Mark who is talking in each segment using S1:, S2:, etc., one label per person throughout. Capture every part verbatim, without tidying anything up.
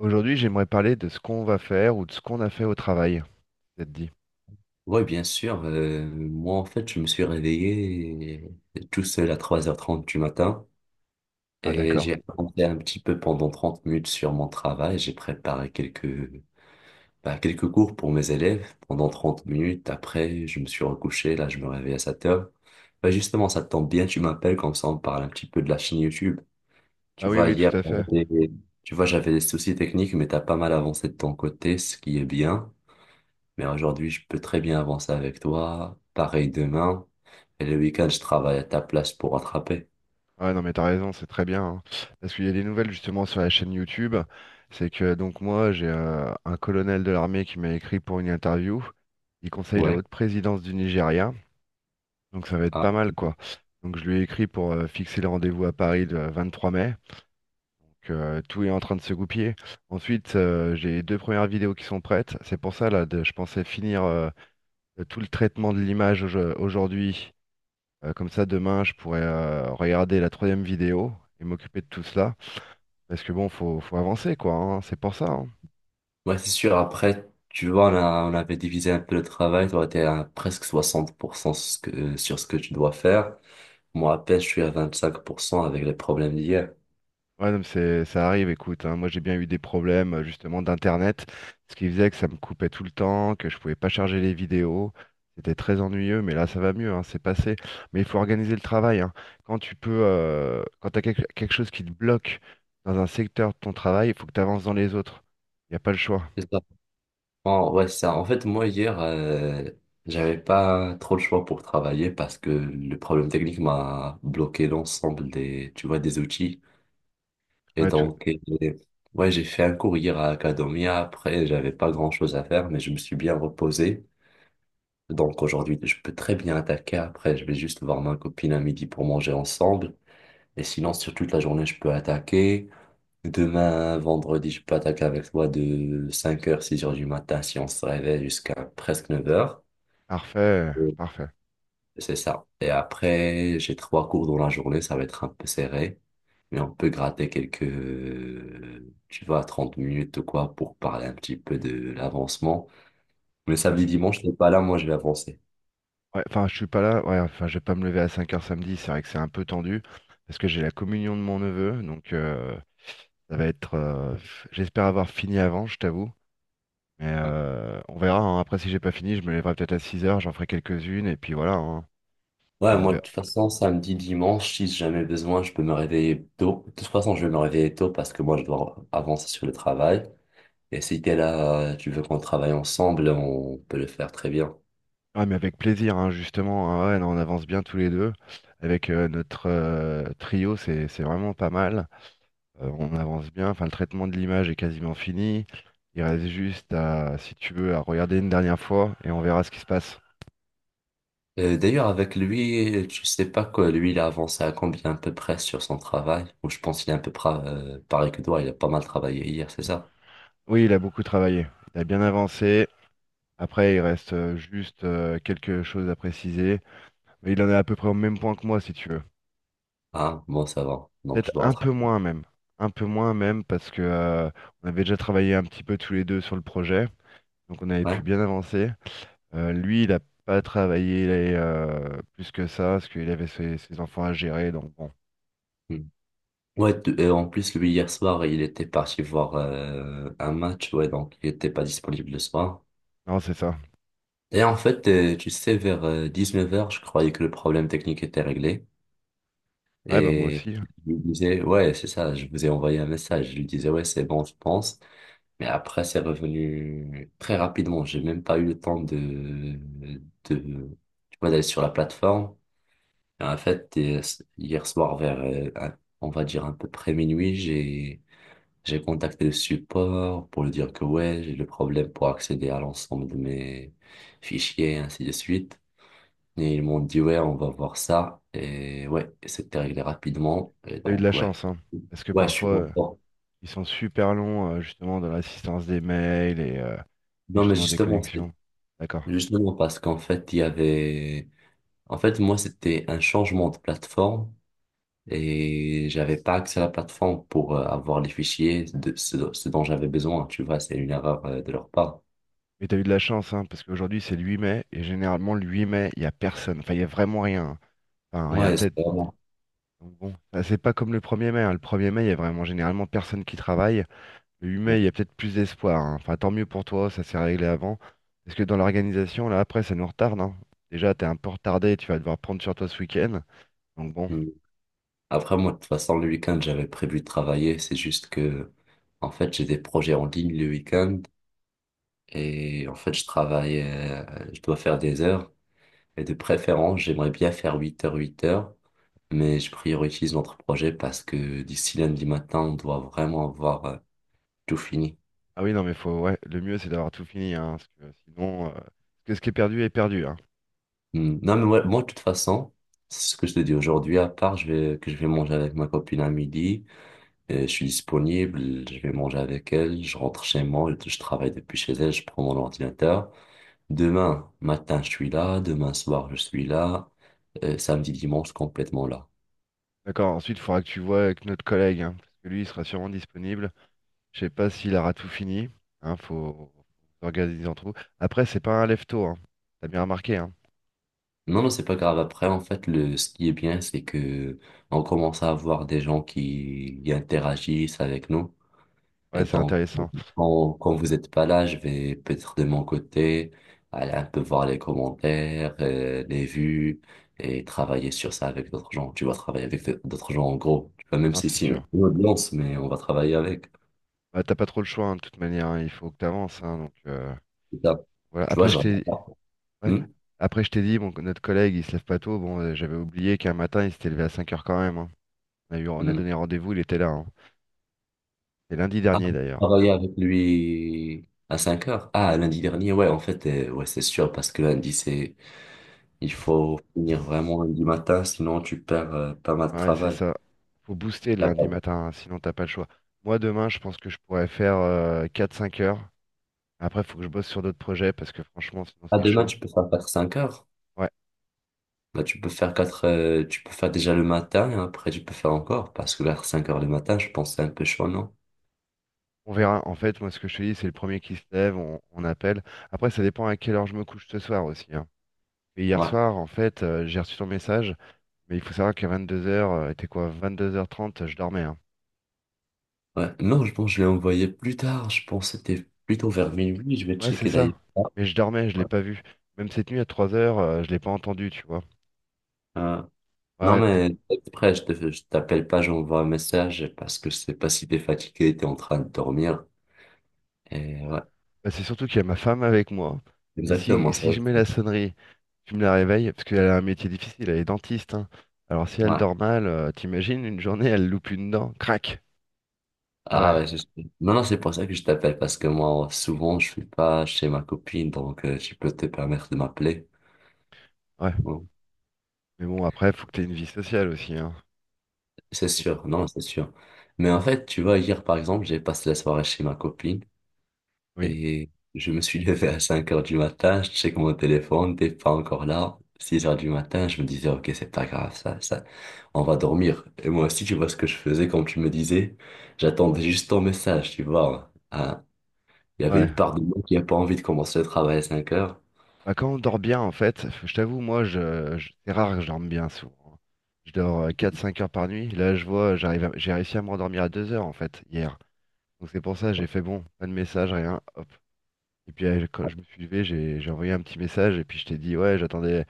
S1: Aujourd'hui, j'aimerais parler de ce qu'on va faire ou de ce qu'on a fait au travail. Ça te dit?
S2: Oui, bien sûr. Euh, moi, en fait, je me suis réveillé tout seul à trois heures trente du matin
S1: Ah
S2: et
S1: d'accord.
S2: j'ai avancé un petit peu pendant trente minutes sur mon travail. J'ai préparé quelques, bah, quelques cours pour mes élèves pendant trente minutes. Après, je me suis recouché. Là, je me réveille à sept heures. Bah, justement, ça tombe bien, tu m'appelles, comme ça on parle un petit peu de la chaîne YouTube. Tu
S1: Ah oui,
S2: vois,
S1: oui,
S2: hier,
S1: tout à fait.
S2: j'avais- tu vois, j'avais des soucis techniques, mais t'as pas mal avancé de ton côté, ce qui est bien. Mais aujourd'hui, je peux très bien avancer avec toi. Pareil demain. Et le week-end, je travaille à ta place pour rattraper.
S1: Ah ouais, non, mais t'as raison, c'est très bien, hein. Parce qu'il y a des nouvelles justement sur la chaîne YouTube. C'est que donc moi, j'ai euh, un colonel de l'armée qui m'a écrit pour une interview. Il conseille la
S2: Ouais.
S1: haute présidence du Nigeria. Donc ça va être
S2: Ah.
S1: pas mal, quoi. Donc je lui ai écrit pour euh, fixer le rendez-vous à Paris le vingt-trois mai. Donc euh, tout est en train de se goupiller. Ensuite, euh, j'ai deux premières vidéos qui sont prêtes. C'est pour ça, là, de- je pensais finir euh, de tout le traitement de l'image au- aujourd'hui. Euh, comme ça, demain, je pourrais euh, regarder la troisième vidéo et m'occuper de tout cela. Parce que bon, faut, faut avancer, quoi, hein. C'est pour ça, hein.
S2: Ouais, c'est sûr. Après, tu vois, on a, on avait divisé un peu le travail. Toi, t'es à presque soixante pour cent ce que- sur ce que tu dois faire. Moi, à peine, je suis à vingt-cinq pour cent avec les problèmes d'hier.
S1: Ouais, non, mais c'est, ça arrive, écoute, hein. Moi, j'ai bien eu des problèmes, euh, justement, d'Internet. Ce qui faisait que ça me coupait tout le temps, que je pouvais pas charger les vidéos. C'était très ennuyeux, mais là, ça va mieux, hein. C'est passé. Mais il faut organiser le travail, hein. Quand tu peux, euh, quand t'as quelque, quelque chose qui te bloque dans un secteur de ton travail, il faut que tu avances dans les autres. Il n'y a pas le choix.
S2: C'est ça. En- ouais, c'est ça. En fait, moi, hier, euh, j'avais pas trop le choix pour travailler parce que le problème technique m'a bloqué l'ensemble des, tu vois, des outils. Et
S1: Ouais, tout-
S2: donc, euh, ouais, j'ai fait un cours hier à Academia. Après, j'avais pas grand-chose à faire, mais je me suis bien reposé. Donc, aujourd'hui, je peux très bien attaquer. Après, je vais juste voir ma copine à midi pour manger ensemble. Et sinon, sur toute la journée, je peux attaquer. Demain, vendredi, je peux attaquer avec toi de cinq heures six heures du matin si on se réveille jusqu'à presque neuf heures.
S1: parfait, parfait.
S2: C'est ça. Et après, j'ai trois cours dans la journée, ça va être un peu serré, mais on peut gratter quelques, euh, tu vois, trente minutes ou quoi pour parler un petit peu de l'avancement. Mais
S1: Ah,
S2: samedi,
S1: c'est ça.
S2: dimanche, t'es pas là, moi je vais avancer.
S1: Ouais, enfin, je suis pas là. Ouais, enfin, je vais pas me lever à cinq heures samedi. C'est vrai que c'est un peu tendu parce que j'ai la communion de mon neveu. Donc, euh, ça va être. Euh, f- j'espère avoir fini avant, je t'avoue. Mais
S2: Ouais,
S1: euh, on verra, hein. Après, si j'ai pas fini, je me lèverai peut-être à six heures. J'en ferai quelques-unes. Et puis voilà, hein.
S2: ouais,
S1: Enfin, on
S2: moi de
S1: verra.
S2: toute façon, samedi, dimanche, si j'ai jamais besoin, je peux me réveiller tôt. De toute façon, je vais me réveiller tôt parce que moi je dois avancer sur le travail. Et si t'es là, tu veux qu'on travaille ensemble, on peut le faire très bien.
S1: Ah, mais avec plaisir, hein, justement, hein. Ouais, non, on avance bien tous les deux. Avec euh, notre euh, trio, c'est c'est vraiment pas mal. Euh, on avance bien, enfin le traitement de l'image est quasiment fini. Il reste juste à, si tu veux, à regarder une dernière fois et on verra ce qui se passe.
S2: Euh, d'ailleurs, avec lui, je sais pas quoi, lui, il a avancé à combien à peu près sur son travail. Ou je pense qu'il est à peu près, euh, pareil que toi, il a pas mal travaillé hier, c'est ça?
S1: Oui, il a beaucoup travaillé, il a bien avancé. Après, il reste euh, juste euh, quelque chose à préciser, mais il en est à peu près au même point que moi, si tu veux.
S2: Ah, bon, ça va. Donc,
S1: Peut-être
S2: je dois
S1: un peu
S2: rattraper.
S1: moins même, un peu moins même parce que euh, on avait déjà travaillé un petit peu tous les deux sur le projet, donc on avait
S2: Ouais.
S1: pu bien avancer. Euh, lui, il a pas travaillé euh, plus que ça parce qu'il avait ses ses enfants à gérer, donc bon.
S2: Hmm. Ouais, t- euh, en plus, lui, hier soir, il était parti voir euh, un match, ouais, donc il était pas disponible le soir.
S1: Non, c'est ça.
S2: Et en fait, euh, tu sais, vers euh, dix-neuf heures, je croyais que le problème technique était réglé.
S1: Ouais, bah moi
S2: Et
S1: aussi.
S2: je lui disais, ouais, c'est ça, je vous ai envoyé un message. Je lui disais, ouais, c'est bon, je pense. Mais après, c'est revenu très rapidement. J'ai même pas eu le temps de, de, tu vois, d'aller sur la plateforme. Et en fait, euh, hier soir, vers, euh, un- on va dire à peu près minuit, j'ai, j'ai contacté le support pour lui dire que ouais, j'ai le problème pour accéder à l'ensemble de mes fichiers, et ainsi de suite. Et ils m'ont dit ouais, on va voir ça. Et ouais, c'était réglé rapidement. Et
S1: T'as eu de la
S2: donc, ouais.
S1: chance, hein. Parce que
S2: Ouais, je suis
S1: parfois, euh,
S2: content.
S1: ils sont super longs, euh, justement, dans l'assistance des mails et, euh, et
S2: Non, mais
S1: justement des
S2: justement, c'est
S1: connexions. D'accord.
S2: justement parce qu'en fait, il y avait. En fait, moi, c'était un changement de plateforme et j'avais pas accès à la plateforme pour euh, avoir les fichiers de ce, ce dont j'avais besoin. Tu vois, c'est une erreur euh, de leur part.
S1: Mais t'as eu de la chance, hein, parce qu'aujourd'hui, c'est le huit mai, et généralement, le huit mai, il n'y a personne. Enfin, il n'y a vraiment rien, hein. Enfin, il y a
S2: Ouais, c'est
S1: peut-être.
S2: vraiment.
S1: Donc bon, ça, c'est pas comme le premier mai, hein. Le premier mai, il y a vraiment généralement personne qui travaille. Le huit
S2: Ouais.
S1: mai, il y a peut-être plus d'espoir, hein. Enfin, tant mieux pour toi, ça s'est réglé avant. Parce que dans l'organisation, là, après, ça nous retarde, hein. Déjà, t'es un peu retardé, tu vas devoir prendre sur toi ce week-end. Donc bon.
S2: Mm. Après, moi, de toute façon, le week-end, j'avais prévu de travailler. C'est juste que, en fait, j'ai des projets en ligne le week-end et en fait, je travaille, euh, je dois faire des heures. Et de préférence, j'aimerais bien faire huit heures, huit heures, mais je priorise notre projet parce que d'ici lundi matin, on doit vraiment avoir euh, tout fini.
S1: Ah oui, non, mais faut, ouais, le mieux c'est d'avoir tout fini, hein, parce que sinon, euh, parce que ce qui est perdu est perdu, hein.
S2: Hmm. Non, mais moi, moi, de toute façon, c'est ce que je te dis aujourd'hui, à part je vais, que je vais manger avec ma copine à midi, et je suis disponible, je vais manger avec elle, je rentre chez moi, je, je travaille depuis chez elle, je prends mon ordinateur. Demain matin, je suis là, demain soir, je suis là, euh, samedi, dimanche, complètement là.
S1: D'accord, ensuite il faudra que tu vois avec notre collègue, hein, parce que lui il sera sûrement disponible. Je sais pas s'il aura tout fini, hein, faut s'organiser entre vous. Après, c'est pas un lève-tôt, hein. T'as bien remarqué, hein.
S2: Non, non, c'est pas grave. Après, en fait, le, ce qui est bien, c'est que on commence à avoir des gens qui, qui interagissent avec nous.
S1: Ouais,
S2: Et
S1: c'est
S2: donc,
S1: intéressant.
S2: Quand, quand vous n'êtes pas là, je vais peut-être de mon côté aller un peu voir les commentaires, euh, les vues et travailler sur ça avec d'autres gens. Tu vas travailler avec d'autres gens en gros. Tu vois, même
S1: Non,
S2: si
S1: c'est
S2: c'est une
S1: sûr.
S2: audience, mais on va travailler avec.
S1: Bah, t'as pas trop le choix, hein, de toute manière, hein, il faut que t'avances, hein, donc euh,
S2: C'est ça.
S1: voilà.
S2: Tu vois,
S1: Après,
S2: je
S1: je
S2: regarde
S1: t'ai,
S2: pas.
S1: ouais.
S2: Hmm.
S1: Après, je t'ai dit, bon, que notre collègue il se lève pas tôt, bon, euh, j'avais oublié qu'un matin il s'était levé à cinq heures quand même, hein. On a eu, on a
S2: Hmm.
S1: donné rendez-vous, il était là, hein. C'est lundi
S2: Ah,
S1: dernier
S2: j'ai
S1: d'ailleurs.
S2: travaillé avec lui à cinq heures. Ah, lundi dernier, ouais, en fait, euh, ouais, c'est sûr, parce que lundi, c'est, il faut finir vraiment lundi matin, sinon tu perds euh, pas mal de
S1: Ouais, c'est
S2: travail.
S1: ça. Faut booster le
S2: Ah,
S1: lundi
S2: bah,
S1: matin, hein, sinon t'as pas le choix. Moi demain, je pense que je pourrais faire euh, quatre cinq heures. Après, faut que je bosse sur d'autres projets parce que franchement, sinon
S2: ah,
S1: c'est
S2: demain,
S1: chaud.
S2: tu peux faire cinq heures.
S1: Ouais,
S2: Bah, tu peux faire quatre, euh, tu peux faire déjà le matin et après tu peux faire encore parce que vers cinq heures du matin, je pense que c'est un peu chaud, non?
S1: on verra. En fait, moi ce que je te dis, c'est le premier qui se lève, on, on appelle. Après, ça dépend à quelle heure je me couche ce soir aussi, hein. Et hier
S2: Ouais,
S1: soir, en fait, euh, j'ai reçu ton message, mais il faut savoir qu'à vingt-deux heures, euh, était quoi, vingt-deux heures trente je dormais, hein.
S2: ouais. Non, je pense que je l'ai envoyé plus tard. Je pense que c'était plutôt
S1: Bah,
S2: vers minuit. Je vais
S1: ouais, c'est
S2: checker d'ailleurs.
S1: ça.
S2: Ouais.
S1: Mais je dormais, je l'ai
S2: Ouais.
S1: pas vu. Même cette nuit à trois heures, je l'ai pas entendu, tu vois.
S2: Euh,
S1: Ouais,
S2: non,
S1: ouais.
S2: mais après, je te, je t'appelle pas, j'envoie un message parce que je sais pas si t'es fatigué, t'es en train de dormir. Et ouais,
S1: Bah, c'est surtout qu'il y a ma femme avec moi. Et si,
S2: exactement, ça
S1: si je mets la
S2: aussi.
S1: sonnerie, tu me la réveilles, parce qu'elle a un métier difficile, elle est dentiste, hein. Alors si elle
S2: Ouais.
S1: dort mal, euh, t'imagines, une journée, elle loupe une dent, crac. Ah
S2: Ah
S1: ouais,
S2: ouais, je sais. Non, non, c'est pour ça que je t'appelle parce que moi, souvent, je suis pas chez ma copine, donc euh, tu peux te permettre de m'appeler.
S1: ouais.
S2: Bon.
S1: Mais bon, après, faut que t'aies une vie sociale aussi, hein.
S2: C'est
S1: Faut que-
S2: sûr, non, c'est sûr. Mais en fait, tu vois, hier, par exemple, j'ai passé la soirée chez ma copine
S1: Oui,
S2: et je me suis levé à cinq heures du matin, je check mon téléphone, t'es pas encore là. Six heures du matin, je me disais, ok, c'est pas grave, ça, ça, on va dormir. Et moi aussi, tu vois ce que je faisais quand tu me disais, j'attendais juste ton message, tu vois. Ah, il y avait
S1: ouais.
S2: une part de moi qui a pas envie de commencer le travail à cinq heures.
S1: Bah, quand on dort bien, en fait, je t'avoue, moi, je, je- c'est rare que je dorme bien souvent, hein. Je dors euh, quatre cinq heures par nuit. Là, je vois, j'arrive à- j'ai réussi à me rendormir à deux heures, en fait, hier. Donc c'est pour ça, j'ai fait bon, pas de message, rien. Hop. Et puis euh, quand je me suis levé, j'ai j'ai envoyé un petit message et puis je t'ai dit ouais, j'attendais.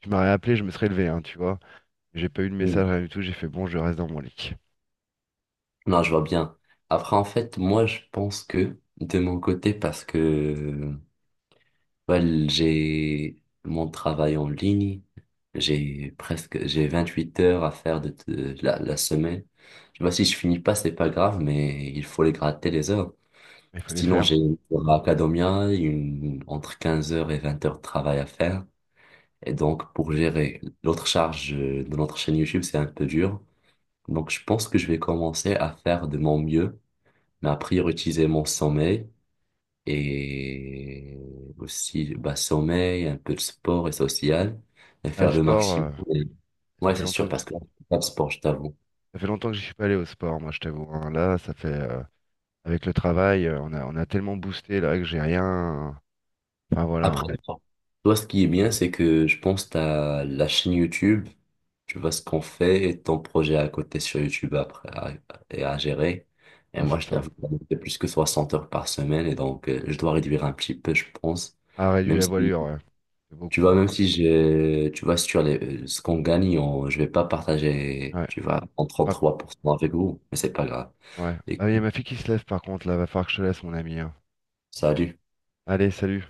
S1: Tu m'aurais appelé, je me serais levé, hein, tu vois. J'ai pas eu de
S2: Mm.
S1: message, rien du tout. J'ai fait bon, je reste dans mon lit.
S2: Non, je vois bien. Après, en fait, moi, je pense que, de mon côté, parce que well, j'ai mon travail en ligne. J'ai presque, j'ai vingt huit heures à faire de, de- la, la semaine. Tu vois, si je finis pas, c'est pas grave, mais il faut les gratter les heures.
S1: Mais il fallait
S2: Sinon, j'ai
S1: faire.
S2: une heure à Academia, une, entre quinze heures et vingt heures de travail à faire. Et donc, pour gérer l'autre charge de notre chaîne YouTube, c'est un peu dur. Donc, je pense que je vais commencer à faire de mon mieux, mais à prioriser mon sommeil et aussi bah, sommeil, un peu de sport et social, et
S1: Ah, le
S2: faire le
S1: sport,
S2: maximum.
S1: euh,
S2: Et-
S1: ça
S2: Ouais,
S1: fait
S2: c'est sûr,
S1: longtemps que
S2: parce que là, je fais pas de sport, je t'avoue.
S1: ça fait longtemps que je suis pas allé au sport, moi, je t'avoue, hein. Là, ça fait euh, avec le travail, euh, on a on a tellement boosté là que j'ai rien. Enfin voilà, hein.
S2: Après, toi, ce qui est bien, c'est que je pense que t'as la chaîne YouTube, tu vois ce qu'on fait et ton projet à côté sur YouTube après à, et à gérer. Et
S1: Ah,
S2: moi,
S1: c'est
S2: je
S1: ça.
S2: t'avoue, c'est plus que soixante heures par semaine, et donc euh, je dois réduire un petit peu, je pense,
S1: Ah, réduit
S2: même
S1: la
S2: si
S1: voilure, ouais. C'est
S2: tu
S1: beaucoup,
S2: vois,
S1: hein.
S2: même si je, tu vois, sur les, ce qu'on gagne, on, je vais pas partager,
S1: Ouais.
S2: tu vois, en
S1: Par-
S2: trente-trois pour cent avec vous, mais c'est pas grave.
S1: ouais. Bah, il y a
S2: Écoute,
S1: ma fille qui se lève par contre là. Va falloir que je te laisse, mon ami, hein.
S2: salut.
S1: Allez, salut.